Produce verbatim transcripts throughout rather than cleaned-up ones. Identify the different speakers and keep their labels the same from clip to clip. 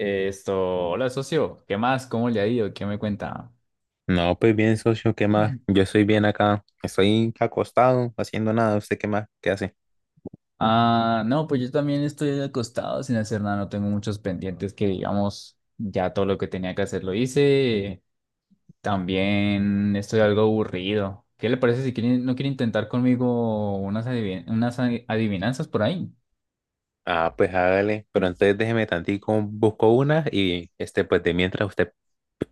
Speaker 1: Esto, hola socio, ¿qué más? ¿Cómo le ha ido? ¿Qué me cuenta?
Speaker 2: No, pues bien, socio, ¿qué más? Yo estoy bien acá. Estoy acostado, haciendo nada. ¿Usted qué más? ¿Qué hace?
Speaker 1: Ah, no, pues yo también estoy acostado sin hacer nada, no tengo muchos pendientes que digamos, ya todo lo que tenía que hacer lo hice. También estoy algo aburrido. ¿Qué le parece si quiere- no quiere intentar conmigo unas, adivi- unas adi- adivinanzas por ahí?
Speaker 2: Ah, pues hágale. Pero entonces déjeme tantico, busco una y este, pues de mientras usted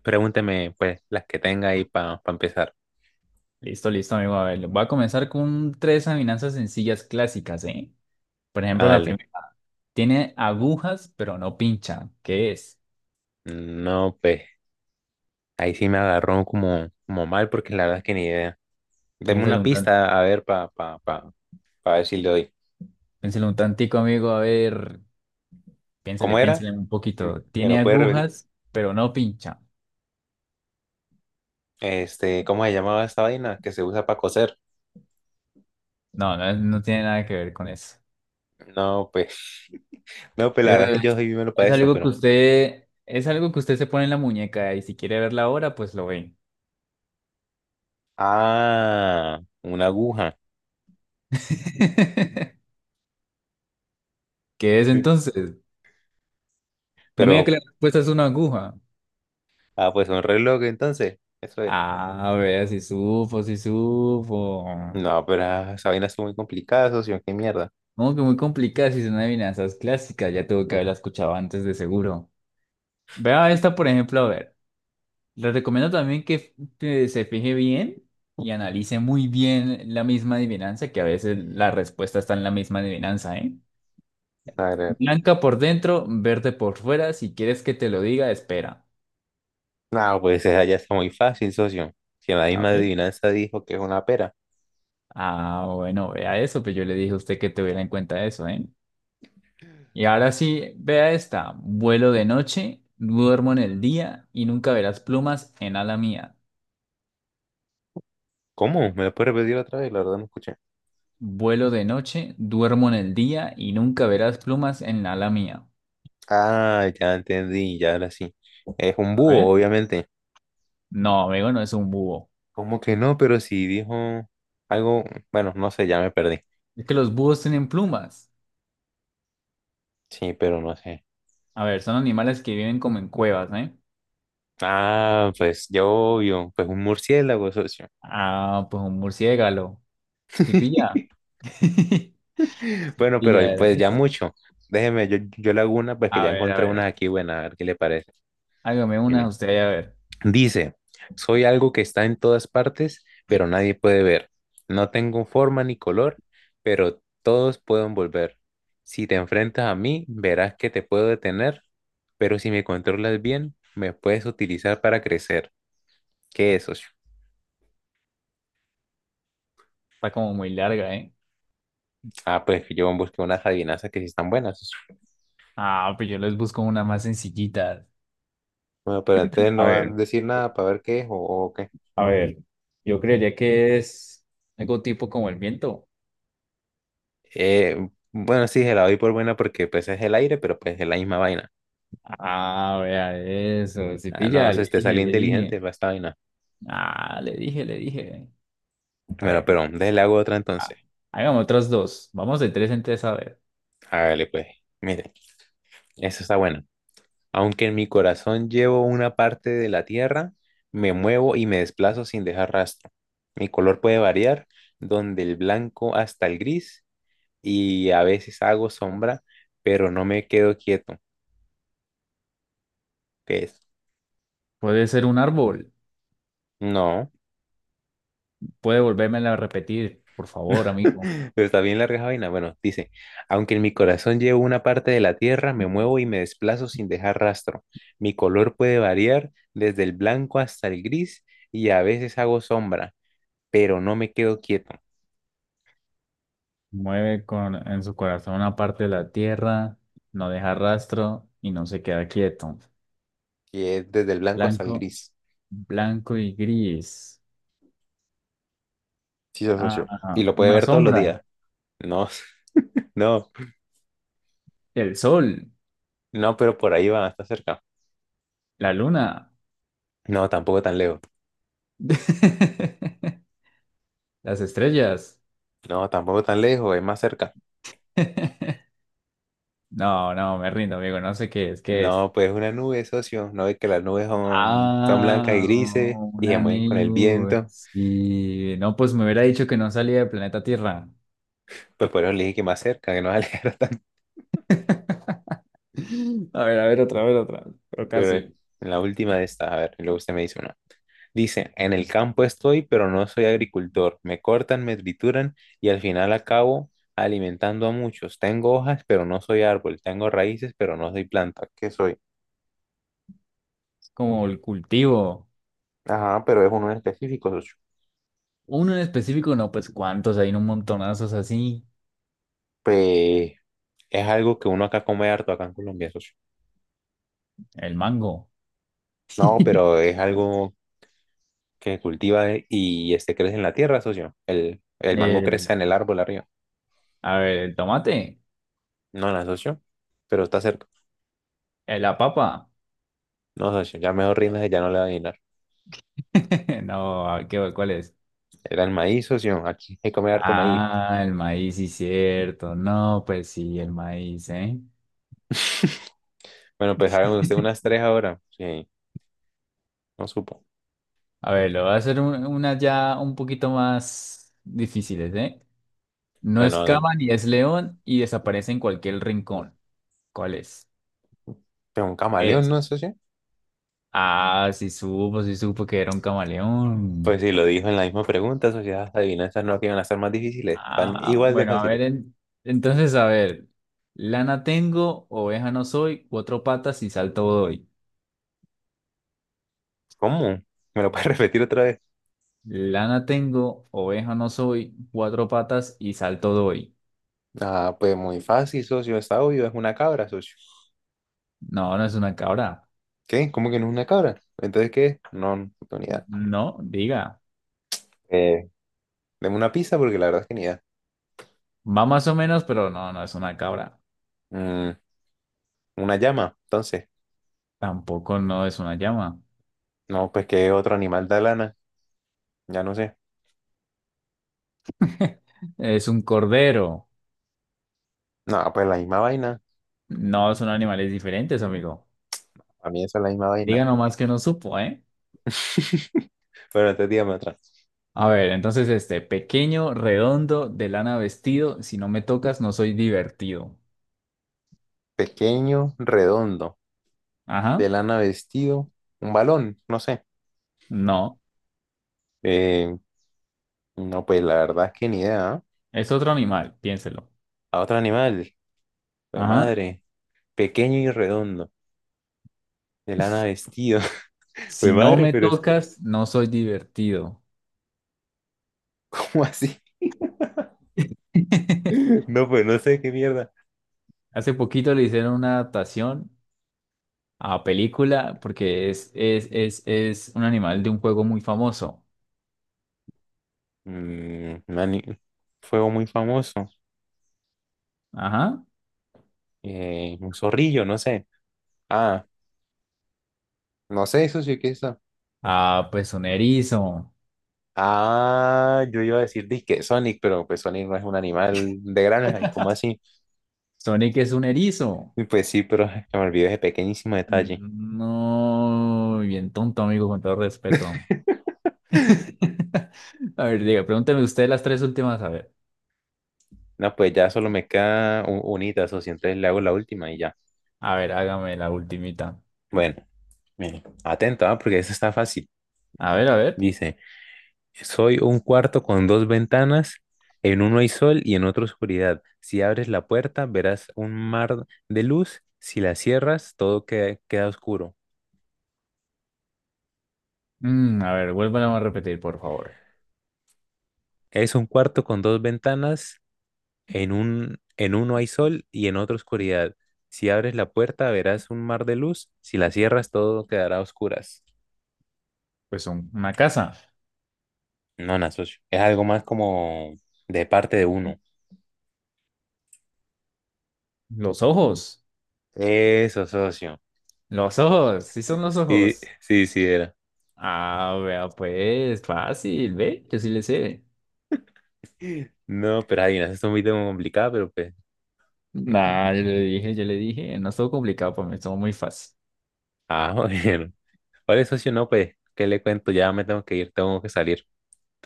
Speaker 2: pregúnteme, pues, las que tenga ahí para empezar.
Speaker 1: Listo, listo, amigo. A ver, voy a comenzar con tres adivinanzas sencillas clásicas, ¿eh? Por ejemplo, la
Speaker 2: Hágale.
Speaker 1: primera. Tiene agujas, pero no pincha. ¿Qué es?
Speaker 2: No, pues, ahí sí me agarró como, como mal porque la verdad es que ni idea. Deme
Speaker 1: Piénsalo
Speaker 2: una
Speaker 1: un tanto.
Speaker 2: pista, a ver, para pa, pa, pa pa ver si le doy.
Speaker 1: Piénsele un tantico, amigo, a ver,
Speaker 2: ¿Cómo
Speaker 1: piénsele,
Speaker 2: era?
Speaker 1: piénsele un poquito.
Speaker 2: ¿Me
Speaker 1: Tiene
Speaker 2: lo puede repetir?
Speaker 1: agujas, pero no pincha.
Speaker 2: Este, ¿cómo se llamaba esta vaina que se usa para coser?
Speaker 1: No, no, es- no tiene nada que ver con eso.
Speaker 2: No, pues. No, pues la verdad es
Speaker 1: Eh,
Speaker 2: que yo soy menos para
Speaker 1: Es,
Speaker 2: eso,
Speaker 1: algo que
Speaker 2: pero.
Speaker 1: usted, es algo que usted se pone en la muñeca y si quiere verla ahora, pues lo ve.
Speaker 2: Ah, una aguja.
Speaker 1: ¿Qué es
Speaker 2: Sí.
Speaker 1: entonces? No me diga que
Speaker 2: Pero,
Speaker 1: la respuesta es una aguja.
Speaker 2: ah, pues un reloj entonces. Eso es.
Speaker 1: Ah, vea, si supo, si supo.
Speaker 2: No, pero ah, esa vaina es muy complicada, socio. Qué mierda.
Speaker 1: Como que muy complicada si son adivinanzas clásicas, ya tuvo que haberla escuchado antes de seguro. Vea esta, por ejemplo, a ver. Le recomiendo también que, que se fije bien y analice muy bien la misma adivinanza, que a veces la respuesta está en la misma adivinanza, ¿eh?
Speaker 2: A ver,
Speaker 1: Blanca por dentro, verde por fuera. Si quieres que te lo diga, espera.
Speaker 2: no, pues esa ya está muy fácil, socio. Si en la
Speaker 1: A
Speaker 2: misma
Speaker 1: ver.
Speaker 2: adivinanza dijo que es una pera.
Speaker 1: Ah, bueno, vea eso, pero yo le dije a usted que tuviera en cuenta eso, ¿eh? Y ahora sí, vea esta. Vuelo de noche, duermo en el día y nunca verás plumas en ala mía.
Speaker 2: ¿Cómo? ¿Me lo puedes repetir otra vez? La verdad no escuché.
Speaker 1: Vuelo de noche, duermo en el día y nunca verás plumas en ala mía.
Speaker 2: Ah, ya entendí, ya ahora sí. Es un
Speaker 1: A
Speaker 2: búho,
Speaker 1: ver.
Speaker 2: obviamente.
Speaker 1: No, amigo, no es un búho.
Speaker 2: ¿Cómo que no? Pero si dijo algo, bueno, no sé, ya me perdí.
Speaker 1: Es que los búhos tienen plumas.
Speaker 2: Sí, pero no sé.
Speaker 1: A ver, son animales que viven como en cuevas, ¿eh?
Speaker 2: Ah, pues yo obvio, pues un murciélago, socio.
Speaker 1: Ah, pues un murciélago. ¿Sí pilla?
Speaker 2: Bueno,
Speaker 1: Y
Speaker 2: pero ahí,
Speaker 1: ya era
Speaker 2: pues ya
Speaker 1: eso.
Speaker 2: mucho. Déjeme, yo, yo le hago una, pues que
Speaker 1: A
Speaker 2: ya
Speaker 1: ver, a
Speaker 2: encontré una
Speaker 1: ver.
Speaker 2: aquí buena, a ver qué le parece.
Speaker 1: Hágame una
Speaker 2: Mire,
Speaker 1: usted, a ver.
Speaker 2: dice, soy algo que está en todas partes, pero nadie puede ver. No tengo forma ni color, pero todos pueden volver. Si te enfrentas a mí, verás que te puedo detener, pero si me controlas bien, me puedes utilizar para crecer. ¿Qué es, socio?
Speaker 1: Está como muy larga, ¿eh?
Speaker 2: Ah, pues yo busqué unas adivinanzas que sí están buenas.
Speaker 1: Ah, pues yo les busco una más sencillita.
Speaker 2: Bueno, pero entonces
Speaker 1: A
Speaker 2: no vas a
Speaker 1: ver,
Speaker 2: decir nada para ver qué es o, o qué.
Speaker 1: a ver. Yo creería que es algo tipo como el viento.
Speaker 2: Eh, bueno, sí, se la doy por buena porque pues es el aire, pero pues es la misma vaina.
Speaker 1: Ah, vea eso. Sí
Speaker 2: Ah, no,
Speaker 1: pilla, le
Speaker 2: se te sale
Speaker 1: dije, le
Speaker 2: inteligente
Speaker 1: dije.
Speaker 2: va esta vaina.
Speaker 1: Ah, le dije, le dije. A
Speaker 2: Bueno,
Speaker 1: ver.
Speaker 2: pero déjale hago otra entonces.
Speaker 1: Ah, hagamos otras dos. Vamos de tres en tres a ver.
Speaker 2: Hágale pues. Mire, eso está bueno. Aunque en mi corazón llevo una parte de la tierra, me muevo y me desplazo sin dejar rastro. Mi color puede variar, donde el blanco hasta el gris, y a veces hago sombra, pero no me quedo quieto. ¿Qué es?
Speaker 1: Puede ser un árbol.
Speaker 2: No.
Speaker 1: Puede volvérmela a repetir, por favor, amigo.
Speaker 2: Pero está bien larga esa vaina. Bueno, dice, aunque en mi corazón llevo una parte de la tierra, me muevo y me desplazo sin dejar rastro. Mi color puede variar desde el blanco hasta el gris y a veces hago sombra, pero no me quedo quieto,
Speaker 1: Mueve con, en su corazón una parte de la tierra, no deja rastro y no se queda quieto.
Speaker 2: que es desde el blanco hasta el
Speaker 1: Blanco,
Speaker 2: gris.
Speaker 1: blanco y gris.
Speaker 2: Sí, se
Speaker 1: Ah,
Speaker 2: asoció. Y
Speaker 1: ajá,
Speaker 2: lo puede
Speaker 1: una
Speaker 2: ver todos los
Speaker 1: sombra.
Speaker 2: días. No, no,
Speaker 1: El sol,
Speaker 2: no, pero por ahí va, está cerca.
Speaker 1: la luna,
Speaker 2: No, tampoco tan lejos.
Speaker 1: las estrellas.
Speaker 2: No, tampoco tan lejos, es más cerca.
Speaker 1: No, no, me rindo, amigo. No sé qué es, qué es.
Speaker 2: No, pues una nube, socio. No ve que las nubes son, son blancas y
Speaker 1: Ah,
Speaker 2: grises
Speaker 1: o-
Speaker 2: y se
Speaker 1: una
Speaker 2: mueven con el
Speaker 1: nube.
Speaker 2: viento.
Speaker 1: Sí. No, pues me hubiera dicho que no salía del planeta Tierra.
Speaker 2: Pues por eso le dije que más cerca, que no se alejara tanto.
Speaker 1: A ver, a ver, otra, a ver, otra. Pero
Speaker 2: Pero eh,
Speaker 1: casi.
Speaker 2: en la última de estas, a ver, y luego usted me dice una. Dice, en el campo estoy, pero no soy agricultor. Me cortan, me trituran y al final acabo alimentando a muchos. Tengo hojas, pero no soy árbol. Tengo raíces, pero no soy planta. ¿Qué soy?
Speaker 1: Es como el cultivo.
Speaker 2: Ajá, pero es uno en específico, socio.
Speaker 1: Uno en específico, no, pues cuántos, hay un montonazos así.
Speaker 2: Pues es algo que uno acá come harto acá en Colombia, socio.
Speaker 1: El mango.
Speaker 2: No, pero es algo que cultiva eh, y este crece en la tierra, socio. El, el mango
Speaker 1: El,
Speaker 2: crece en el árbol arriba.
Speaker 1: a ver, el tomate.
Speaker 2: No, no, socio. Pero está cerca.
Speaker 1: eh, La papa.
Speaker 2: No, socio. Ya mejor rindas, ya no le va a adivinar.
Speaker 1: No, a ver, ¿qué, cuál es?
Speaker 2: Era el maíz, socio. Aquí hay que comer harto maíz.
Speaker 1: Ah, el maíz, sí, cierto. No, pues sí, el maíz, ¿eh?
Speaker 2: Bueno, pues hágame usted unas tres ahora. Sí, no supo.
Speaker 1: A ver, lo voy a hacer un- unas ya un poquito más difíciles, ¿eh? No
Speaker 2: Bueno,
Speaker 1: es
Speaker 2: hágale.
Speaker 1: cama ni es león y desaparece en cualquier rincón. ¿Cuál es?
Speaker 2: Pero un
Speaker 1: ¿Qué
Speaker 2: camaleón,
Speaker 1: es?
Speaker 2: ¿no, socio?
Speaker 1: Ah, sí supo, sí supo que era un
Speaker 2: Pues
Speaker 1: camaleón.
Speaker 2: sí, lo dijo en la misma pregunta, socio. Las adivinanzas no que iban a estar más difíciles. Están
Speaker 1: Ah,
Speaker 2: igual de
Speaker 1: bueno, a
Speaker 2: fáciles.
Speaker 1: ver, en- entonces, a ver. Lana tengo, oveja no soy, cuatro patas y salto doy.
Speaker 2: ¿Cómo? ¿Me lo puedes repetir otra vez?
Speaker 1: Lana tengo, oveja no soy, cuatro patas y salto doy.
Speaker 2: Ah, pues muy fácil, socio. Está obvio. Es una cabra, socio.
Speaker 1: No, no es una cabra.
Speaker 2: ¿Qué? ¿Cómo que no es una cabra? Entonces, ¿qué es? No, no tengo ni idea.
Speaker 1: No, diga.
Speaker 2: Eh, deme una pizza porque la verdad es que ni idea.
Speaker 1: Va más o menos, pero no, no es una cabra.
Speaker 2: Mm, una llama, entonces.
Speaker 1: Tampoco no es una llama.
Speaker 2: No, pues que otro animal da lana, ya no sé.
Speaker 1: Es un cordero.
Speaker 2: No, pues la misma vaina.
Speaker 1: No son animales diferentes, amigo.
Speaker 2: A mí esa es la misma vaina.
Speaker 1: Diga nomás que no supo, ¿eh?
Speaker 2: Pero entonces dígame otra.
Speaker 1: A ver, entonces este, pequeño, redondo, de lana vestido, si no me tocas no soy divertido.
Speaker 2: Pequeño, redondo, de
Speaker 1: Ajá,
Speaker 2: lana vestido, un balón, no sé.
Speaker 1: no,
Speaker 2: Eh, no, pues la verdad es que ni idea. ¿Ah?
Speaker 1: es otro animal, piénselo.
Speaker 2: A otro animal, pues
Speaker 1: Ajá,
Speaker 2: madre, pequeño y redondo, de lana vestido. Pues
Speaker 1: si no
Speaker 2: madre,
Speaker 1: me
Speaker 2: pero es
Speaker 1: tocas no soy divertido.
Speaker 2: como así. No, pues no sé qué mierda.
Speaker 1: Hace poquito le hicieron una adaptación a película, porque es, es, es, es un animal de un juego muy famoso.
Speaker 2: Mm, mani- fuego muy famoso.
Speaker 1: Ajá.
Speaker 2: Eh, un zorrillo, no sé. Ah, no sé, eso sí que está.
Speaker 1: Ah, pues un erizo.
Speaker 2: Ah, yo iba a decir disque Sonic, pero pues Sonic no es un animal de granja, ¿y cómo así?
Speaker 1: Sonic es un erizo.
Speaker 2: Y pues sí, pero ay, me olvidé ese pequeñísimo detalle.
Speaker 1: Mm, no, bien tonto, amigo, con todo respeto. A ver, diga, pregúnteme usted las tres últimas, a ver.
Speaker 2: No, pues ya solo me queda un, unita, socio, entonces le hago la última y ya.
Speaker 1: A ver, hágame la ultimita.
Speaker 2: Bueno, mire, atento, ah, porque eso está fácil.
Speaker 1: A ver, a ver.
Speaker 2: Dice. Soy un cuarto con dos ventanas, en uno hay sol y en otro oscuridad. Si abres la puerta, verás un mar de luz, si la cierras, todo que- queda oscuro.
Speaker 1: Mm, a ver, vuélvala a repetir, por favor.
Speaker 2: Es un cuarto con dos ventanas, en un, en uno hay sol y en otro oscuridad. Si abres la puerta, verás un mar de luz, si la cierras, todo quedará a oscuras.
Speaker 1: Pues un- una casa.
Speaker 2: No, no, socio, es algo más como de parte de uno.
Speaker 1: Los ojos.
Speaker 2: Eso, socio.
Speaker 1: Los ojos. Sí son los
Speaker 2: Sí,
Speaker 1: ojos.
Speaker 2: sí, sí, era.
Speaker 1: Ah, vea, pues, fácil, ve, yo sí le sé.
Speaker 2: No, pero ahí, no, eso es muy complicado, pero pues
Speaker 1: Nah, yo le dije, yo le dije, no estuvo complicado para mí, estuvo muy fácil.
Speaker 2: ah, bueno. Oye, socio, no, pues, ¿qué le cuento? Ya me tengo que ir, tengo que salir.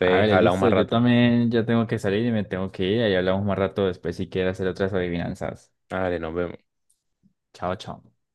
Speaker 1: A ver,
Speaker 2: hablamos
Speaker 1: listo,
Speaker 2: más
Speaker 1: yo
Speaker 2: rato.
Speaker 1: también ya tengo que salir y me tengo que ir, ahí hablamos más rato después si quieres hacer otras adivinanzas.
Speaker 2: Vale, nos vemos.
Speaker 1: Chao, chao.